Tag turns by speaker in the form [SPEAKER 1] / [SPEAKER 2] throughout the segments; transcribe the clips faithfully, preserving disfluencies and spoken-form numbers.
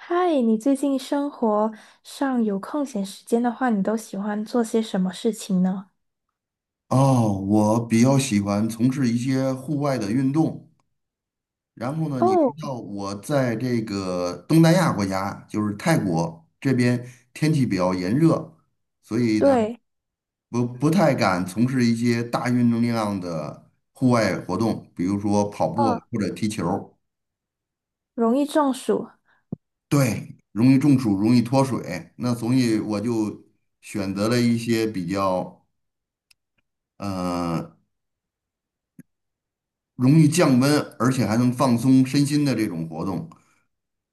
[SPEAKER 1] 嗨，你最近生活上有空闲时间的话，你都喜欢做些什么事情呢？
[SPEAKER 2] 哦，我比较喜欢从事一些户外的运动。然后呢，你知
[SPEAKER 1] 哦，
[SPEAKER 2] 道我在这个东南亚国家，就是泰国这边天气比较炎热，所以呢，
[SPEAKER 1] 对，
[SPEAKER 2] 不不太敢从事一些大运动量的户外活动，比如说跑步啊
[SPEAKER 1] 嗯，
[SPEAKER 2] 或者踢球。
[SPEAKER 1] 容易中暑，
[SPEAKER 2] 对，容易中暑，容易脱水。那所以我就选择了一些比较呃容易降温，而且还能放松身心的这种活动。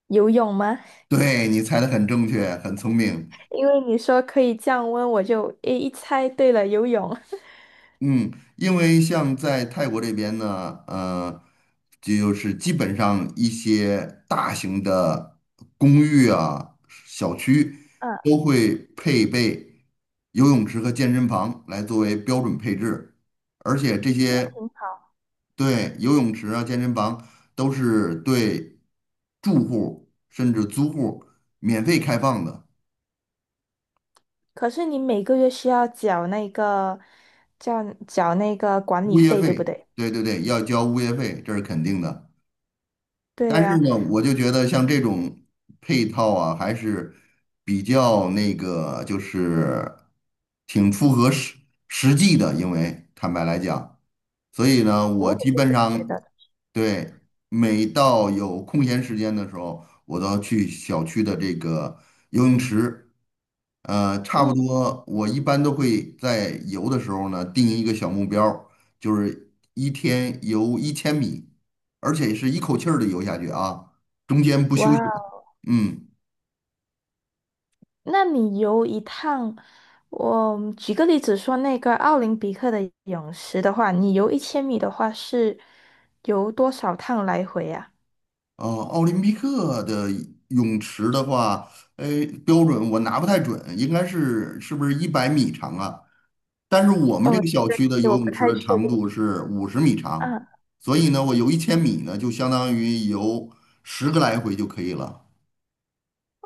[SPEAKER 1] 游泳吗？
[SPEAKER 2] 对，你猜的很正确，很聪明。
[SPEAKER 1] 因为你说可以降温，我就诶一猜对了，游泳。
[SPEAKER 2] 嗯，因为像在泰国这边呢，呃，就是基本上一些大型的公寓啊、小区
[SPEAKER 1] 嗯，
[SPEAKER 2] 都会配备游泳池和健身房来作为标准配置，而且这
[SPEAKER 1] 那
[SPEAKER 2] 些
[SPEAKER 1] 挺好。
[SPEAKER 2] 对游泳池啊、健身房都是对住户甚至租户免费开放的。
[SPEAKER 1] 可是你每个月需要缴那个，叫缴那个管理
[SPEAKER 2] 物业
[SPEAKER 1] 费，对不
[SPEAKER 2] 费，
[SPEAKER 1] 对？
[SPEAKER 2] 对对对，要交物业费，这是肯定的。
[SPEAKER 1] 对
[SPEAKER 2] 但是
[SPEAKER 1] 呀，
[SPEAKER 2] 呢，我就觉得像这种配套啊，还是比较那个，就是挺符合实实际的。因为坦白来讲，所以呢，
[SPEAKER 1] 我
[SPEAKER 2] 我基
[SPEAKER 1] 也是
[SPEAKER 2] 本
[SPEAKER 1] 这么觉
[SPEAKER 2] 上。
[SPEAKER 1] 得的。
[SPEAKER 2] 对，每到有空闲时间的时候，我都要去小区的这个游泳池。呃，差不
[SPEAKER 1] 嗯，
[SPEAKER 2] 多，我一般都会在游的时候呢，定一个小目标儿，就是一天游一千米，而且是一口气儿的游下去啊，中间不休息。
[SPEAKER 1] 哇。
[SPEAKER 2] 嗯，
[SPEAKER 1] 那你游一趟，我举个例子说，那个奥林匹克的泳池的话，你游一千米的话是游多少趟来回啊？
[SPEAKER 2] 哦，奥林匹克的泳池的话，哎，标准我拿不太准，应该是是不是一百米长啊？但是我们这
[SPEAKER 1] 哦，
[SPEAKER 2] 个
[SPEAKER 1] 这
[SPEAKER 2] 小
[SPEAKER 1] 个其
[SPEAKER 2] 区的
[SPEAKER 1] 实
[SPEAKER 2] 游
[SPEAKER 1] 我
[SPEAKER 2] 泳
[SPEAKER 1] 不
[SPEAKER 2] 池
[SPEAKER 1] 太
[SPEAKER 2] 的
[SPEAKER 1] 确
[SPEAKER 2] 长
[SPEAKER 1] 定。
[SPEAKER 2] 度是五十米长，
[SPEAKER 1] 嗯，
[SPEAKER 2] 所以呢，我游一千米呢，就相当于游十个来回就可以了。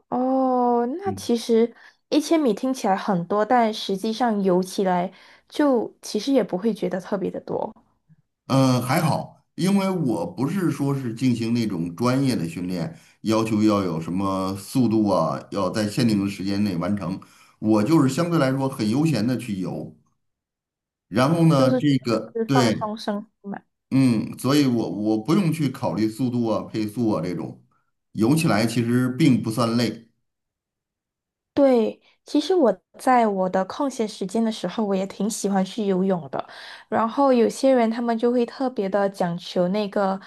[SPEAKER 1] 哦，那
[SPEAKER 2] 嗯
[SPEAKER 1] 其实一千米听起来很多，但实际上游起来就其实也不会觉得特别的多，
[SPEAKER 2] 呃，还好，因为我不是说是进行那种专业的训练，要求要有什么速度啊，要在限定的时间内完成。我就是相对来说很悠闲的去游，然后
[SPEAKER 1] 就
[SPEAKER 2] 呢，
[SPEAKER 1] 是
[SPEAKER 2] 这个
[SPEAKER 1] 就是放
[SPEAKER 2] 对，
[SPEAKER 1] 松身心嘛。
[SPEAKER 2] 嗯，所以我我不用去考虑速度啊、配速啊这种，游起来其实并不算累。
[SPEAKER 1] 对，其实我在我的空闲时间的时候，我也挺喜欢去游泳的。然后有些人他们就会特别的讲求那个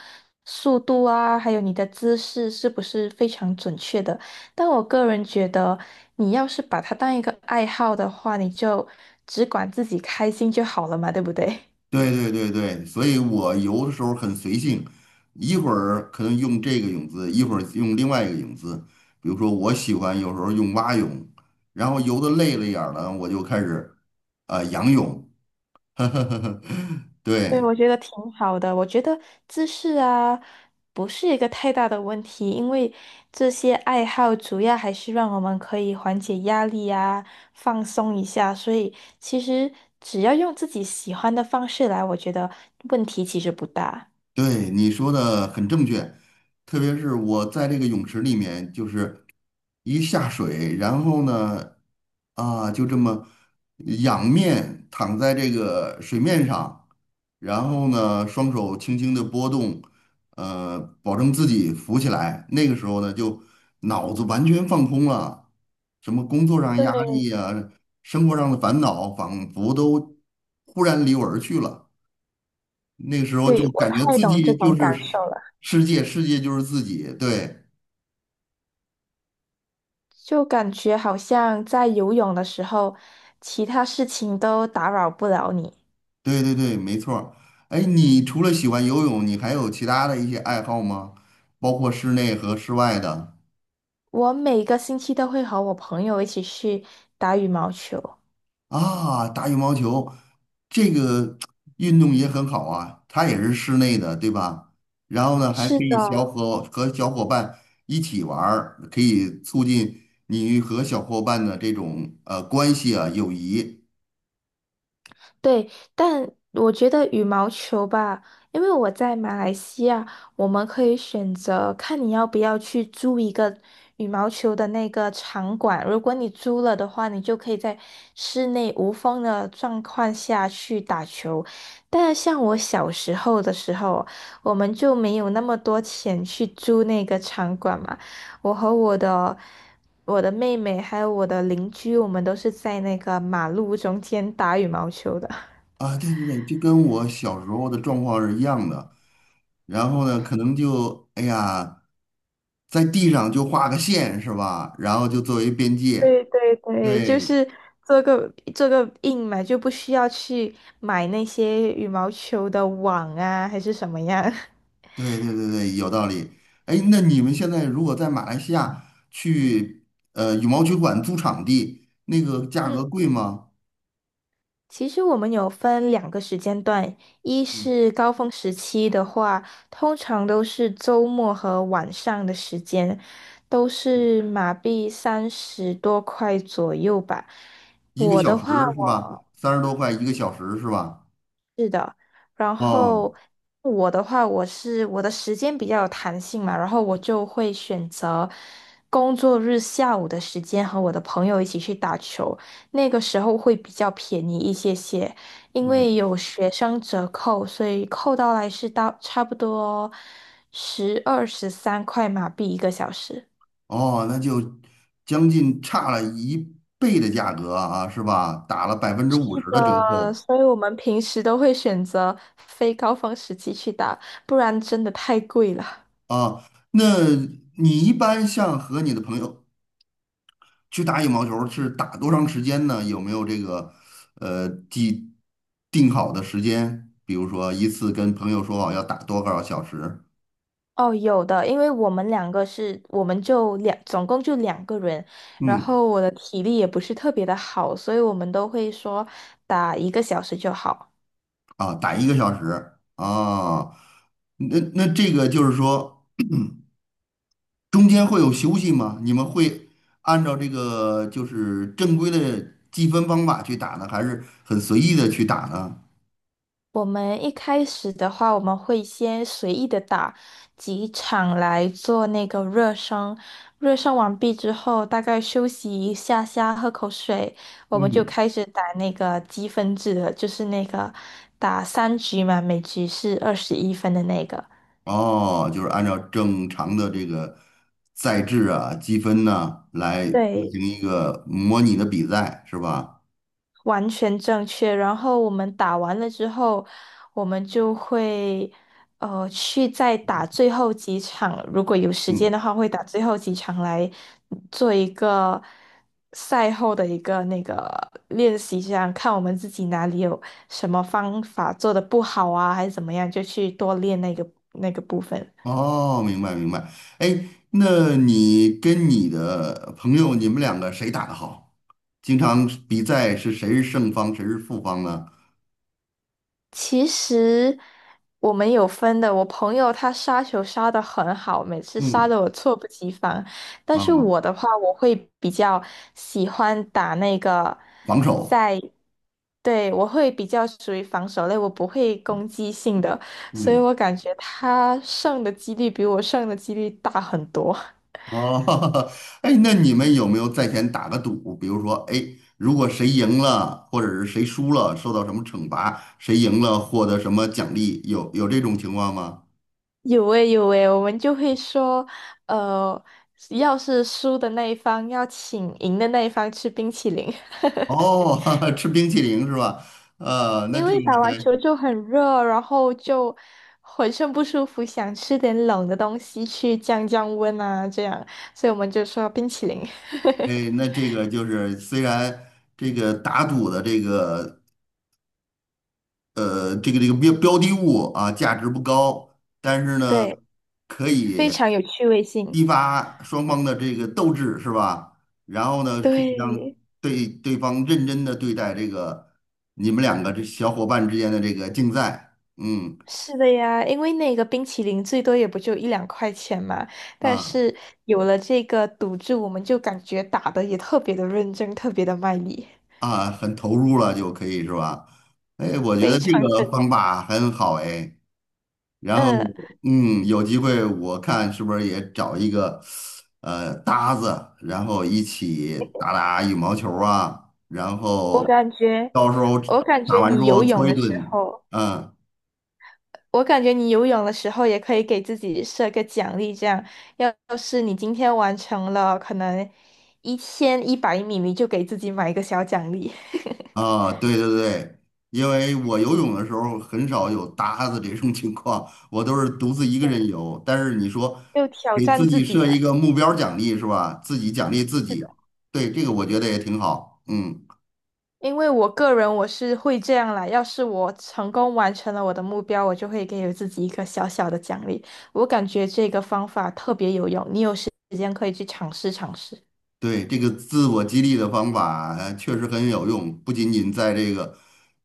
[SPEAKER 1] 速度啊，还有你的姿势是不是非常准确的。但我个人觉得，你要是把它当一个爱好的话，你就只管自己开心就好了嘛，对不对？
[SPEAKER 2] 对对对对，所以我游的时候很随性，一会儿可能用这个泳姿，一会儿用另外一个泳姿。比如说，我喜欢有时候用蛙泳，然后游的累了一点儿了，我就开始啊、呃、仰泳。
[SPEAKER 1] 对，
[SPEAKER 2] 对，
[SPEAKER 1] 我觉得挺好的。我觉得姿势啊，不是一个太大的问题，因为这些爱好主要还是让我们可以缓解压力啊，放松一下。所以其实只要用自己喜欢的方式来，我觉得问题其实不大。
[SPEAKER 2] 对，你说的很正确，特别是我在这个泳池里面，就是一下水，然后呢，啊，就这么仰面躺在这个水面上，然后呢，双手轻轻的拨动，呃，保证自己浮起来。那个时候呢，就脑子完全放空了，什么工作上压
[SPEAKER 1] 对，
[SPEAKER 2] 力啊，生活上的烦恼，仿佛都忽然离我而去了。那个时候就
[SPEAKER 1] 对，我
[SPEAKER 2] 感觉
[SPEAKER 1] 太
[SPEAKER 2] 自
[SPEAKER 1] 懂这
[SPEAKER 2] 己就
[SPEAKER 1] 种
[SPEAKER 2] 是
[SPEAKER 1] 感受
[SPEAKER 2] 世
[SPEAKER 1] 了。
[SPEAKER 2] 世界，世界就是自己。对，
[SPEAKER 1] 就感觉好像在游泳的时候，其他事情都打扰不了你。
[SPEAKER 2] 对对对，没错儿。哎，你除了喜欢游泳，你还有其他的一些爱好吗？包括室内和室外的。
[SPEAKER 1] 我每个星期都会和我朋友一起去打羽毛球。
[SPEAKER 2] 啊，打羽毛球这个 运动也很好啊，它也是室内的，对吧？然后呢，还
[SPEAKER 1] 是
[SPEAKER 2] 可
[SPEAKER 1] 的，
[SPEAKER 2] 以小伙和小伙伴一起玩儿，可以促进你与和小伙伴的这种呃关系啊，友谊。
[SPEAKER 1] 对，但我觉得羽毛球吧，因为我在马来西亚，我们可以选择看你要不要去租一个羽毛球的那个场馆。如果你租了的话，你就可以在室内无风的状况下去打球。但像我小时候的时候，我们就没有那么多钱去租那个场馆嘛。我和我的我的妹妹还有我的邻居，我们都是在那个马路中间打羽毛球的。
[SPEAKER 2] 啊，对对对，就跟我小时候的状况是一样的。然后呢，可能就哎呀，在地上就画个线是吧？然后就作为边界。
[SPEAKER 1] 对对对，就
[SPEAKER 2] 对
[SPEAKER 1] 是做个做个印嘛，就不需要去买那些羽毛球的网啊，还是什么样。
[SPEAKER 2] 对对对对，有道理。哎，那你们现在如果在马来西亚去呃羽毛球馆租场地，那个价
[SPEAKER 1] 嗯，
[SPEAKER 2] 格贵吗？
[SPEAKER 1] 其实我们有分两个时间段，一是高峰时期的话，通常都是周末和晚上的时间，都是马币三十多块左右吧。
[SPEAKER 2] 一个嗯
[SPEAKER 1] 我
[SPEAKER 2] 小
[SPEAKER 1] 的
[SPEAKER 2] 时
[SPEAKER 1] 话，
[SPEAKER 2] 是
[SPEAKER 1] 我
[SPEAKER 2] 吧？三十多块一个小时是吧？
[SPEAKER 1] 然
[SPEAKER 2] 哦，
[SPEAKER 1] 后我的话，我是我的时间比较有弹性嘛，然后我就会选择工作日下午的时间和我的朋友一起去打球，那个时候会比较便宜一些些，因为
[SPEAKER 2] 嗯
[SPEAKER 1] 有学生折扣，所以扣到来是到差不多十二、十三块马币一个小时。
[SPEAKER 2] 哦，那就将近差了一倍的价格啊，是吧？打了百分之五
[SPEAKER 1] 是
[SPEAKER 2] 十的折
[SPEAKER 1] 的，
[SPEAKER 2] 扣
[SPEAKER 1] 所以我们平时都会选择非高峰时期去打，不然真的太贵了。
[SPEAKER 2] 啊。那你一般像和你的朋友去打羽毛球，是打多长时间呢？有没有这个呃既定好的时间？比如说一次跟朋友说好要打多少小时？
[SPEAKER 1] 哦，有的，因为我们两个是，我们就两，总共就两个人，然
[SPEAKER 2] 嗯，
[SPEAKER 1] 后我的体力也不是特别的好，所以我们都会说打一个小时就好。
[SPEAKER 2] 啊，打一个小时啊。那那这个就是说。中间会有休息吗？你们会按照这个就是正规的计分方法去打呢，还是很随意的去打呢？
[SPEAKER 1] 我们一开始的话，我们会先随意的打几场来做那个热身，热身完毕之后，大概休息一下下，喝口水，我们就
[SPEAKER 2] 嗯，
[SPEAKER 1] 开始打那个积分制的，就是那个打三局嘛，每局是二十一分的那个。
[SPEAKER 2] 哦，就是按照正常的这个赛制啊、积分呢来进
[SPEAKER 1] 对，
[SPEAKER 2] 行一个模拟的比赛，是吧？
[SPEAKER 1] 完全正确。然后我们打完了之后，我们就会呃去再打最后几场，如果有时间
[SPEAKER 2] 嗯，
[SPEAKER 1] 的话，会打最后几场来做一个赛后的一个那个练习，这样看我们自己哪里有什么方法做的不好啊，还是怎么样，就去多练那个那个部分。
[SPEAKER 2] 哦，明白明白。哎，那你跟你的朋友，你们两个谁打的好？经常比赛是谁是胜方，谁是负方呢？
[SPEAKER 1] 其实我们有分的，我朋友他杀球杀的很好，每次杀
[SPEAKER 2] 嗯，
[SPEAKER 1] 的我猝不及防。但
[SPEAKER 2] 啊，
[SPEAKER 1] 是我的话，我会比较喜欢打那个
[SPEAKER 2] 防守。
[SPEAKER 1] 在，对，我会比较属于防守类，我不会攻击性的，所以
[SPEAKER 2] 嗯。
[SPEAKER 1] 我感觉他胜的几率比我胜的几率大很多。
[SPEAKER 2] 哦，哎，那你们有没有在前打个赌？比如说，哎，如果谁赢了，或者是谁输了，受到什么惩罚？谁赢了获得什么奖励？有有这种情况吗？
[SPEAKER 1] 有诶有诶，我们就会说，呃，要是输的那一方要请赢的那一方吃冰淇淋。
[SPEAKER 2] 哦，吃冰淇淋是吧？呃，那
[SPEAKER 1] 因
[SPEAKER 2] 这
[SPEAKER 1] 为打
[SPEAKER 2] 个
[SPEAKER 1] 完
[SPEAKER 2] 还。
[SPEAKER 1] 球就很热，然后就浑身不舒服，想吃点冷的东西去降降温啊，这样，所以我们就说冰淇淋。
[SPEAKER 2] 哎，那这个就是虽然这个打赌的这个呃这个这个标标的物啊价值不高，但是呢。
[SPEAKER 1] 对，
[SPEAKER 2] 可以。
[SPEAKER 1] 非常有趣味性。
[SPEAKER 2] 激发双方的这个斗志是吧？然后呢，可以让
[SPEAKER 1] 对，
[SPEAKER 2] 对对方认真的对待这个你们两个这小伙伴之间的这个竞赛，嗯
[SPEAKER 1] 是的呀，因为那个冰淇淋最多也不就一两块钱嘛，但
[SPEAKER 2] 啊
[SPEAKER 1] 是有了这个赌注，我们就感觉打的也特别的认真，特别的卖力，
[SPEAKER 2] 啊，很投入了就可以是吧？哎，我觉得
[SPEAKER 1] 非
[SPEAKER 2] 这
[SPEAKER 1] 常真。
[SPEAKER 2] 个方法很好哎。然后
[SPEAKER 1] 嗯，
[SPEAKER 2] 嗯，有机会我看是不是也找一个呃搭子，然后一起打打羽毛球啊，然后到时候
[SPEAKER 1] 我感
[SPEAKER 2] 打
[SPEAKER 1] 觉
[SPEAKER 2] 完之
[SPEAKER 1] 你游
[SPEAKER 2] 后
[SPEAKER 1] 泳
[SPEAKER 2] 搓一
[SPEAKER 1] 的时
[SPEAKER 2] 顿，
[SPEAKER 1] 候。
[SPEAKER 2] 嗯。
[SPEAKER 1] 我感觉你游泳的时候也可以给自己设个奖励，这样，要要是你今天完成了可能一千一百米，你就给自己买一个小奖励，
[SPEAKER 2] 啊，对对对，因为我游泳的时候很少有搭子这种情况，我都是独自一个人游。但是你说
[SPEAKER 1] 就挑
[SPEAKER 2] 给
[SPEAKER 1] 战
[SPEAKER 2] 自
[SPEAKER 1] 自
[SPEAKER 2] 己
[SPEAKER 1] 己
[SPEAKER 2] 设
[SPEAKER 1] 嘛。
[SPEAKER 2] 一个目标奖励是吧？自己奖励自
[SPEAKER 1] 是的。
[SPEAKER 2] 己，对，这个我觉得也挺好。嗯。
[SPEAKER 1] 因为我个人我是会这样啦，要是我成功完成了我的目标，我就会给我自己一个小小的奖励。我感觉这个方法特别有用，你有时间可以去尝试尝试。
[SPEAKER 2] 对，这个自我激励的方法呃确实很有用，不仅仅在这个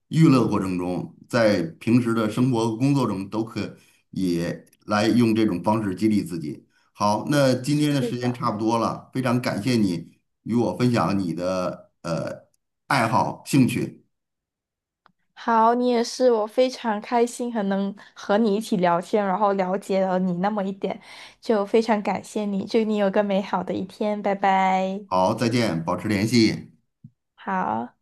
[SPEAKER 2] 娱乐过程中，在平时的生活、和工作中都可以来用这种方式激励自己。好，那今天的时间差不多了，非常感谢你与我分享你的呃爱好、兴趣。
[SPEAKER 1] 好，你也是，我非常开心，很能和你一起聊天，然后了解了你那么一点，就非常感谢你，祝你有个美好的一天，拜拜。
[SPEAKER 2] 好，再见，保持联系。
[SPEAKER 1] 好。